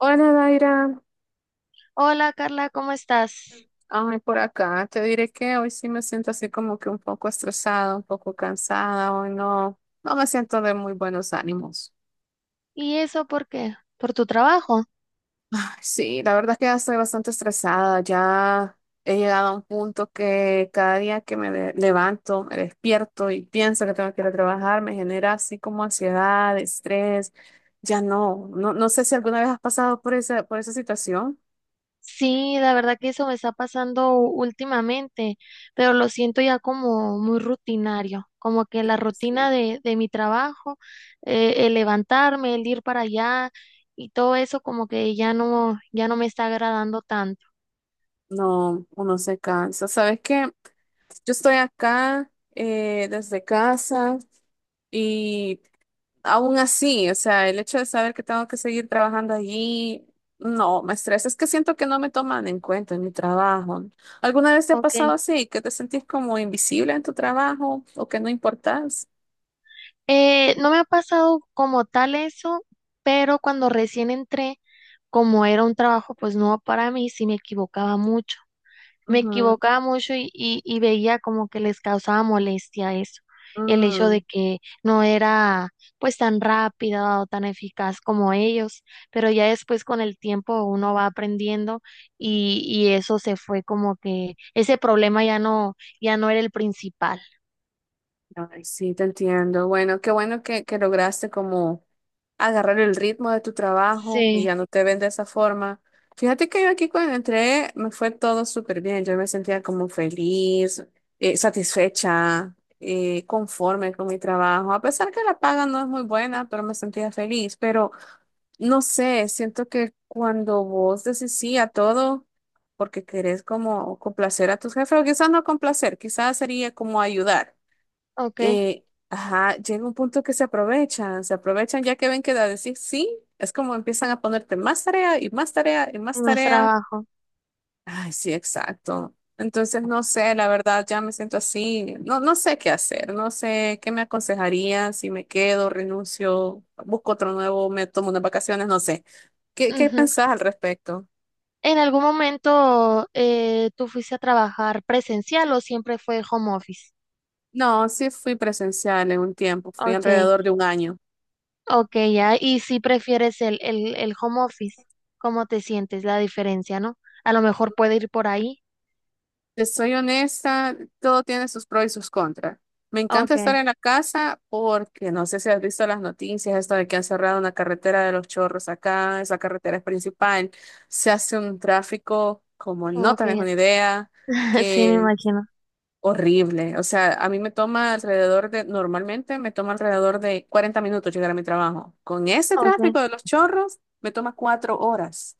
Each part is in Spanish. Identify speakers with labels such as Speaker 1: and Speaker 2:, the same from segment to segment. Speaker 1: Hola, Daira.
Speaker 2: Hola Carla, ¿cómo estás?
Speaker 1: Ay, por acá. Te diré que hoy sí me siento así como que un poco estresada, un poco cansada. Hoy no, no me siento de muy buenos ánimos.
Speaker 2: ¿Y eso por qué? ¿Por tu trabajo?
Speaker 1: Sí, la verdad es que ya estoy bastante estresada. Ya he llegado a un punto que cada día que me levanto, me despierto y pienso que tengo que ir a trabajar, me genera así como ansiedad, estrés. Ya no, no, no sé si alguna vez has pasado por esa situación.
Speaker 2: Sí, la verdad que eso me está pasando últimamente, pero lo siento ya como muy rutinario, como que la
Speaker 1: Sí.
Speaker 2: rutina de mi trabajo, el levantarme, el ir para allá y todo eso como que ya no, ya no me está agradando tanto.
Speaker 1: No, uno se cansa. ¿Sabes qué? Yo estoy acá desde casa y aún así, o sea, el hecho de saber que tengo que seguir trabajando allí, no, me estresa. Es que siento que no me toman en cuenta en mi trabajo. ¿Alguna vez te ha
Speaker 2: Ok.
Speaker 1: pasado así, que te sentís como invisible en tu trabajo o que no importás?
Speaker 2: No me ha pasado como tal eso, pero cuando recién entré, como era un trabajo pues nuevo para mí, sí me equivocaba mucho. Me
Speaker 1: Ujú.
Speaker 2: equivocaba mucho y veía como que les causaba molestia eso, el hecho
Speaker 1: Mm.
Speaker 2: de que no era pues tan rápida o tan eficaz como ellos, pero ya después con el tiempo uno va aprendiendo y eso se fue como que ese problema ya no, ya no era el principal.
Speaker 1: Ay, sí, te entiendo. Bueno, qué bueno que lograste como agarrar el ritmo de tu trabajo y
Speaker 2: Sí,
Speaker 1: ya no te ven de esa forma. Fíjate que yo aquí cuando entré me fue todo súper bien, yo me sentía como feliz, satisfecha, conforme con mi trabajo, a pesar que la paga no es muy buena, pero me sentía feliz, pero no sé, siento que cuando vos decís sí a todo, porque querés como complacer a tus jefes, o quizás no complacer, quizás sería como ayudar.
Speaker 2: ok,
Speaker 1: eh, ajá, llega un punto que se aprovechan ya que ven que da decir sí, es como empiezan a ponerte más tarea y más tarea y más
Speaker 2: más
Speaker 1: tarea.
Speaker 2: trabajo.
Speaker 1: Ay, sí, exacto. Entonces, no sé, la verdad, ya me siento así. No, no sé qué hacer, no sé qué me aconsejaría, si me quedo, renuncio, busco otro nuevo, me tomo unas vacaciones, no sé. ¿Qué
Speaker 2: Ujú.
Speaker 1: pensás al respecto?
Speaker 2: ¿En algún momento tú fuiste a trabajar presencial o siempre fue home office?
Speaker 1: No, sí fui presencial en un tiempo, fui
Speaker 2: Ok.
Speaker 1: alrededor de un año.
Speaker 2: Ok, ya. Y si prefieres el home office, ¿cómo te sientes? La diferencia, ¿no? A lo mejor puede ir por ahí.
Speaker 1: Te soy honesta, todo tiene sus pros y sus contras. Me encanta
Speaker 2: Ok,
Speaker 1: estar en la casa porque no sé si has visto las noticias, esto de que han cerrado una carretera de los Chorros acá, esa carretera es principal, se hace un tráfico como no tenés
Speaker 2: ok.
Speaker 1: una idea,
Speaker 2: Sí, me
Speaker 1: que
Speaker 2: imagino.
Speaker 1: horrible. O sea, a mí me toma normalmente me toma alrededor de 40 minutos llegar a mi trabajo. Con ese
Speaker 2: Ok.
Speaker 1: tráfico de los Chorros, me toma 4 horas.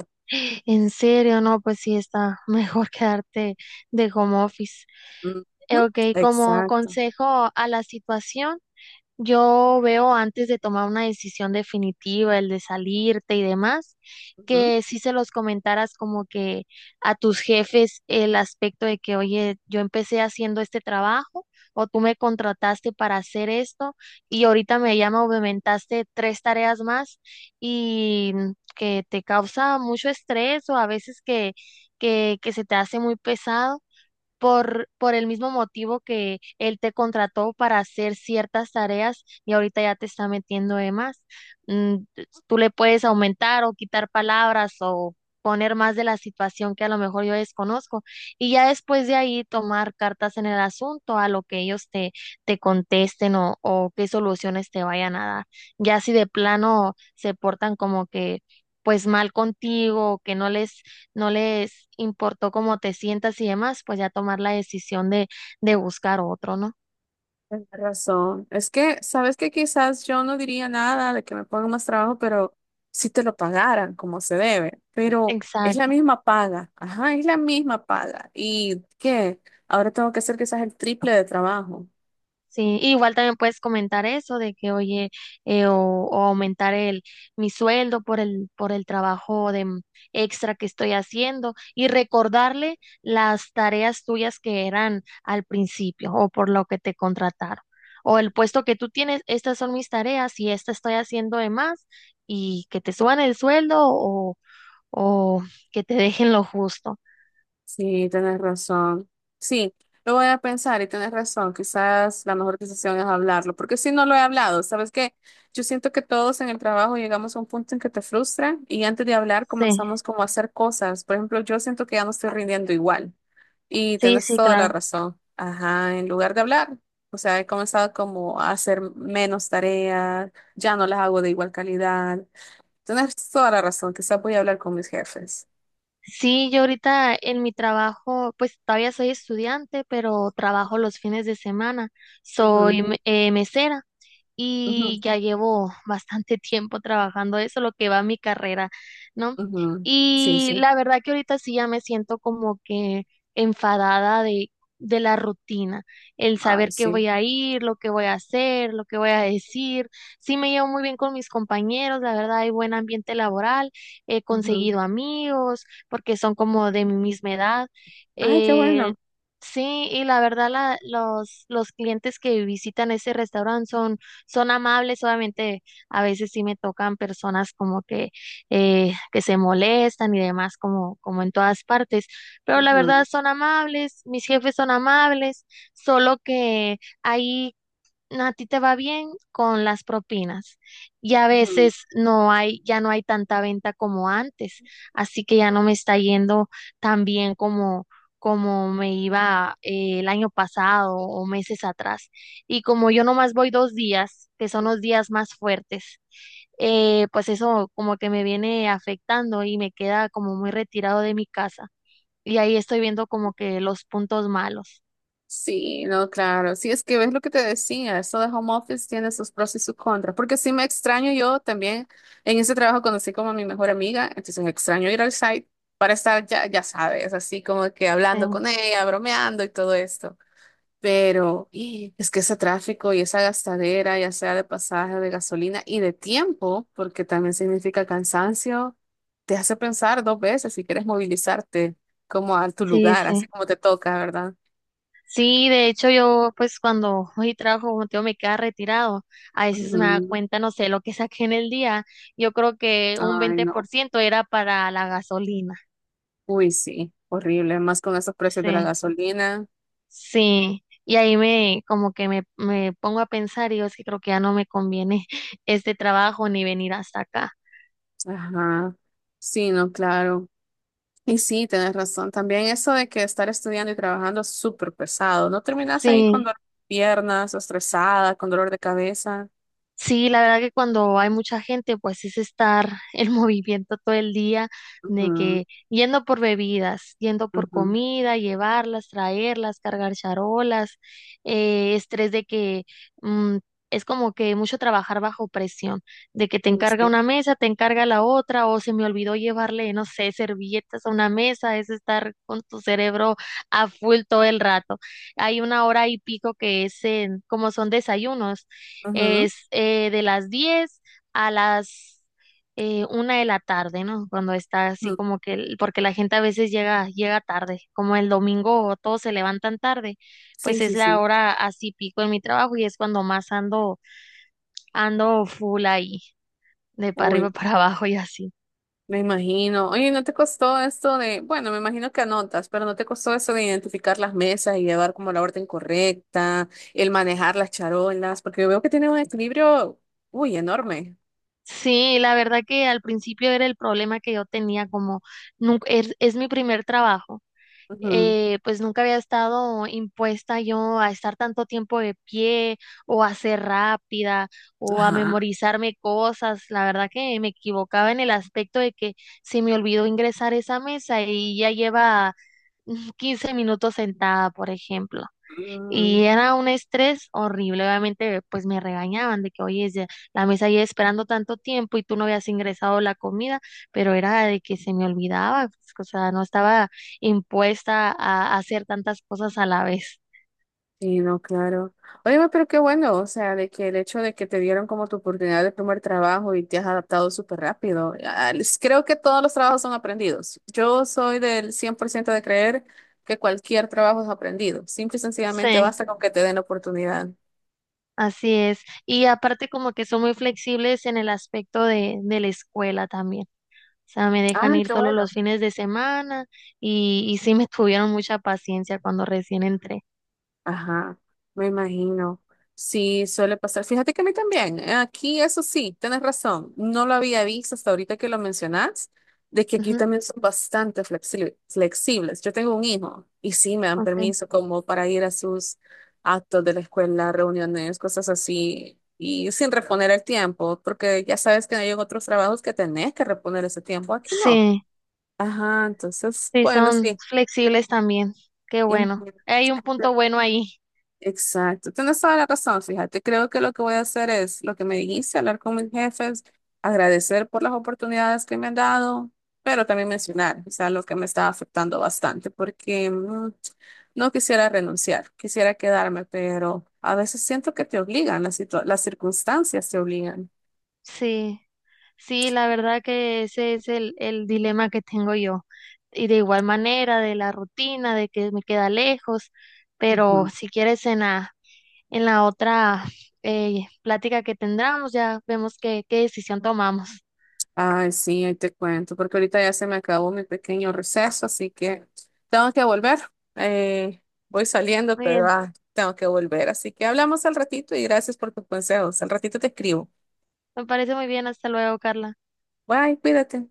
Speaker 2: En serio, no, pues sí está mejor quedarte de home office.
Speaker 1: Ujú.
Speaker 2: Ok, como
Speaker 1: Exacto.
Speaker 2: consejo a la situación. Yo veo antes de tomar una decisión definitiva, el de salirte y demás, que si se los comentaras como que a tus jefes el aspecto de que, oye, yo empecé haciendo este trabajo o tú me contrataste para hacer esto y ahorita me llama o me aumentaste tres tareas más y mm, que te causa mucho estrés o a veces que, que se te hace muy pesado por el mismo motivo que él te contrató para hacer ciertas tareas y ahorita ya te está metiendo de más. Mm, tú le puedes aumentar o quitar palabras o poner más de la situación que a lo mejor yo desconozco y ya después de ahí tomar cartas en el asunto a lo que ellos te, te contesten o qué soluciones te vayan a dar. Ya si de plano se portan como que pues mal contigo, que no les no les importó cómo te sientas y demás, pues ya tomar la decisión de buscar otro, ¿no?
Speaker 1: Tienes razón. Es que, sabes que quizás yo no diría nada de que me pongan más trabajo, pero si te lo pagaran como se debe. Pero es la
Speaker 2: Exacto.
Speaker 1: misma paga. Ajá, es la misma paga. ¿Y qué? Ahora tengo que hacer quizás el triple de trabajo.
Speaker 2: Sí, igual también puedes comentar eso de que, oye, o aumentar el mi sueldo por el trabajo de extra que estoy haciendo y recordarle las tareas tuyas que eran al principio o por lo que te contrataron o el puesto que tú tienes, estas son mis tareas y esta estoy haciendo de más y que te suban el sueldo o que te dejen lo justo.
Speaker 1: Sí, tienes razón. Sí, lo voy a pensar y tienes razón. Quizás la mejor decisión es hablarlo, porque si no lo he hablado, ¿sabes qué? Yo siento que todos en el trabajo llegamos a un punto en que te frustra y antes de hablar
Speaker 2: Sí,
Speaker 1: comenzamos como a hacer cosas. Por ejemplo, yo siento que ya no estoy rindiendo igual y
Speaker 2: sí,
Speaker 1: tienes
Speaker 2: sí,
Speaker 1: toda la
Speaker 2: claro.
Speaker 1: razón. Ajá, en lugar de hablar, o sea, he comenzado como a hacer menos tareas, ya no las hago de igual calidad. Tienes toda la razón. Quizás voy a hablar con mis jefes.
Speaker 2: Sí, yo ahorita en mi trabajo, pues todavía soy estudiante, pero trabajo los fines de semana. Soy
Speaker 1: Ujú,
Speaker 2: mesera.
Speaker 1: ujú.
Speaker 2: Y ya llevo bastante tiempo trabajando eso, lo que va mi carrera, ¿no?
Speaker 1: Ujú. Sí,
Speaker 2: Y
Speaker 1: sí.
Speaker 2: la verdad que ahorita sí ya me siento como que enfadada de la rutina, el
Speaker 1: Ay,
Speaker 2: saber que
Speaker 1: sí.
Speaker 2: voy a ir, lo que voy a hacer, lo que voy a decir. Sí me llevo muy bien con mis compañeros, la verdad hay buen ambiente laboral, he
Speaker 1: Ujú.
Speaker 2: conseguido amigos porque son como de mi misma edad.
Speaker 1: Ay, qué bueno.
Speaker 2: Eh, Sí, y la verdad los clientes que visitan ese restaurante son son amables, obviamente a veces sí me tocan personas como que se molestan y demás, como, como en todas partes, pero la
Speaker 1: Ujú,
Speaker 2: verdad son amables, mis jefes son amables, solo que hay no, a ti te va bien con las propinas y a
Speaker 1: ujú.
Speaker 2: veces no hay, ya no hay tanta venta como antes, así que ya no me está yendo tan bien como, como me iba el año pasado o meses atrás. Y como yo nomás voy dos días, que son los días más fuertes, pues eso como que me viene afectando y me queda como muy retirado de mi casa. Y ahí estoy viendo como que los puntos malos.
Speaker 1: Sí, no, claro. Sí, es que ves lo que te decía, eso de home office tiene sus pros y sus contras, porque sí me extraño yo también, en ese trabajo conocí como a mi mejor amiga, entonces me extraño ir al site para estar, ya, ya sabes, así como que
Speaker 2: Sí,
Speaker 1: hablando con ella, bromeando y todo esto. Pero ¡ih! Es que ese tráfico y esa gastadera, ya sea de pasaje, de gasolina y de tiempo, porque también significa cansancio, te hace pensar dos veces si quieres movilizarte como a tu
Speaker 2: sí,
Speaker 1: lugar, así
Speaker 2: sí.
Speaker 1: como te toca, ¿verdad?
Speaker 2: Sí, de hecho yo pues cuando hoy trabajo como te digo me queda retirado, a veces me da
Speaker 1: Ujú.
Speaker 2: cuenta, no sé, lo que saqué en el día, yo creo que un
Speaker 1: Ay,
Speaker 2: veinte por
Speaker 1: no.
Speaker 2: ciento era para la gasolina,
Speaker 1: Uy, sí, horrible. Más con esos precios de la
Speaker 2: sí,
Speaker 1: gasolina.
Speaker 2: sí, y ahí me como que me pongo a pensar y yo es que creo que ya no me conviene este trabajo ni venir hasta acá,
Speaker 1: Ajá. Sí, no, claro. Y sí, tienes razón. También eso de que estar estudiando y trabajando es súper pesado. No terminas ahí con
Speaker 2: sí.
Speaker 1: dolor de piernas, estresada, con dolor de cabeza.
Speaker 2: Sí, la verdad que cuando hay mucha gente, pues es estar el movimiento todo el día, de
Speaker 1: Ujú,
Speaker 2: que yendo por bebidas, yendo por
Speaker 1: ujú,
Speaker 2: comida, llevarlas, traerlas, cargar charolas, estrés de que mm, es como que mucho trabajar bajo presión, de que te
Speaker 1: ujú,
Speaker 2: encarga
Speaker 1: sí,
Speaker 2: una mesa, te encarga la otra, o se me olvidó llevarle, no sé, servilletas a una mesa, es estar con tu cerebro a full todo el rato. Hay una hora y pico que es en, como son desayunos.
Speaker 1: ujú,
Speaker 2: Es de las 10 a las una de la tarde, ¿no? Cuando está así
Speaker 1: ujú.
Speaker 2: como que, porque la gente a veces llega, llega tarde, como el domingo todos se levantan tarde,
Speaker 1: Sí,
Speaker 2: pues es
Speaker 1: sí,
Speaker 2: la
Speaker 1: sí.
Speaker 2: hora así pico en mi trabajo y es cuando más ando, ando full ahí, de para
Speaker 1: Uy,
Speaker 2: arriba para abajo y así.
Speaker 1: me imagino. Oye, ¿no te costó esto de, bueno, me imagino que anotas, pero ¿no te costó eso de identificar las mesas y llevar como la orden correcta, el manejar las charolas? Porque yo veo que tiene un equilibrio, uy, enorme.
Speaker 2: Sí, la verdad que al principio era el problema que yo tenía, como es mi primer trabajo
Speaker 1: Ujú.
Speaker 2: pues nunca había estado impuesta yo a estar tanto tiempo de pie o a ser rápida o a
Speaker 1: Ajá.
Speaker 2: memorizarme cosas. La verdad que me equivocaba en el aspecto de que se me olvidó ingresar esa mesa y ya lleva mm, 15 minutos sentada, por ejemplo. Y era un estrés horrible, obviamente, pues me regañaban de que, oye, ya- la mesa lleva esperando tanto tiempo y tú no habías ingresado la comida, pero era de que se me olvidaba, pues, o sea, no estaba impuesta a hacer tantas cosas a la vez.
Speaker 1: Sí, no, claro. Oye, pero qué bueno, o sea, de que el hecho de que te dieron como tu oportunidad de primer trabajo y te has adaptado súper rápido. Ah, creo que todos los trabajos son aprendidos. Yo soy del 100% de creer que cualquier trabajo es aprendido. Simple y sencillamente
Speaker 2: Sí,
Speaker 1: basta con que te den la oportunidad.
Speaker 2: así es. Y aparte como que son muy flexibles en el aspecto de la escuela también. O sea, me dejan
Speaker 1: Ah,
Speaker 2: ir
Speaker 1: qué
Speaker 2: solo
Speaker 1: bueno.
Speaker 2: los fines de semana y sí me tuvieron mucha paciencia cuando recién entré.
Speaker 1: Ajá, me imagino. Sí, suele pasar. Fíjate que a mí también. Aquí, eso sí, tienes razón. No lo había visto hasta ahorita que lo mencionas, de que aquí
Speaker 2: Ujú,
Speaker 1: también son bastante flexibles. Yo tengo un hijo y sí me dan
Speaker 2: ok.
Speaker 1: permiso como para ir a sus actos de la escuela, reuniones, cosas así, y sin reponer el tiempo, porque ya sabes que hay en otros trabajos que tenés que reponer ese tiempo. Aquí no.
Speaker 2: Sí.
Speaker 1: Ajá, entonces,
Speaker 2: Sí,
Speaker 1: bueno,
Speaker 2: son
Speaker 1: sí.
Speaker 2: flexibles también. Qué bueno.
Speaker 1: Ujú.
Speaker 2: Hay un punto bueno ahí.
Speaker 1: Exacto, tienes toda la razón, fíjate, creo que lo que voy a hacer es lo que me dijiste, hablar con mis jefes, agradecer por las oportunidades que me han dado, pero también mencionar, o sea, lo que me está afectando bastante, porque no quisiera renunciar, quisiera quedarme, pero a veces siento que te obligan, las, las circunstancias te obligan.
Speaker 2: Sí, sí, la verdad que ese es el dilema que tengo yo. Y de igual manera, de la rutina, de que me queda lejos, pero si quieres en la otra plática que tendremos, ya vemos qué, qué decisión tomamos.
Speaker 1: Ay, sí, ahí te cuento, porque ahorita ya se me acabó mi pequeño receso, así que tengo que volver. Eh, Voy saliendo,
Speaker 2: Muy
Speaker 1: pero
Speaker 2: bien,
Speaker 1: ah, tengo que volver. Así que hablamos al ratito y gracias por tus consejos. Al ratito te escribo.
Speaker 2: me parece muy bien. Hasta luego, Carla.
Speaker 1: Bye, cuídate.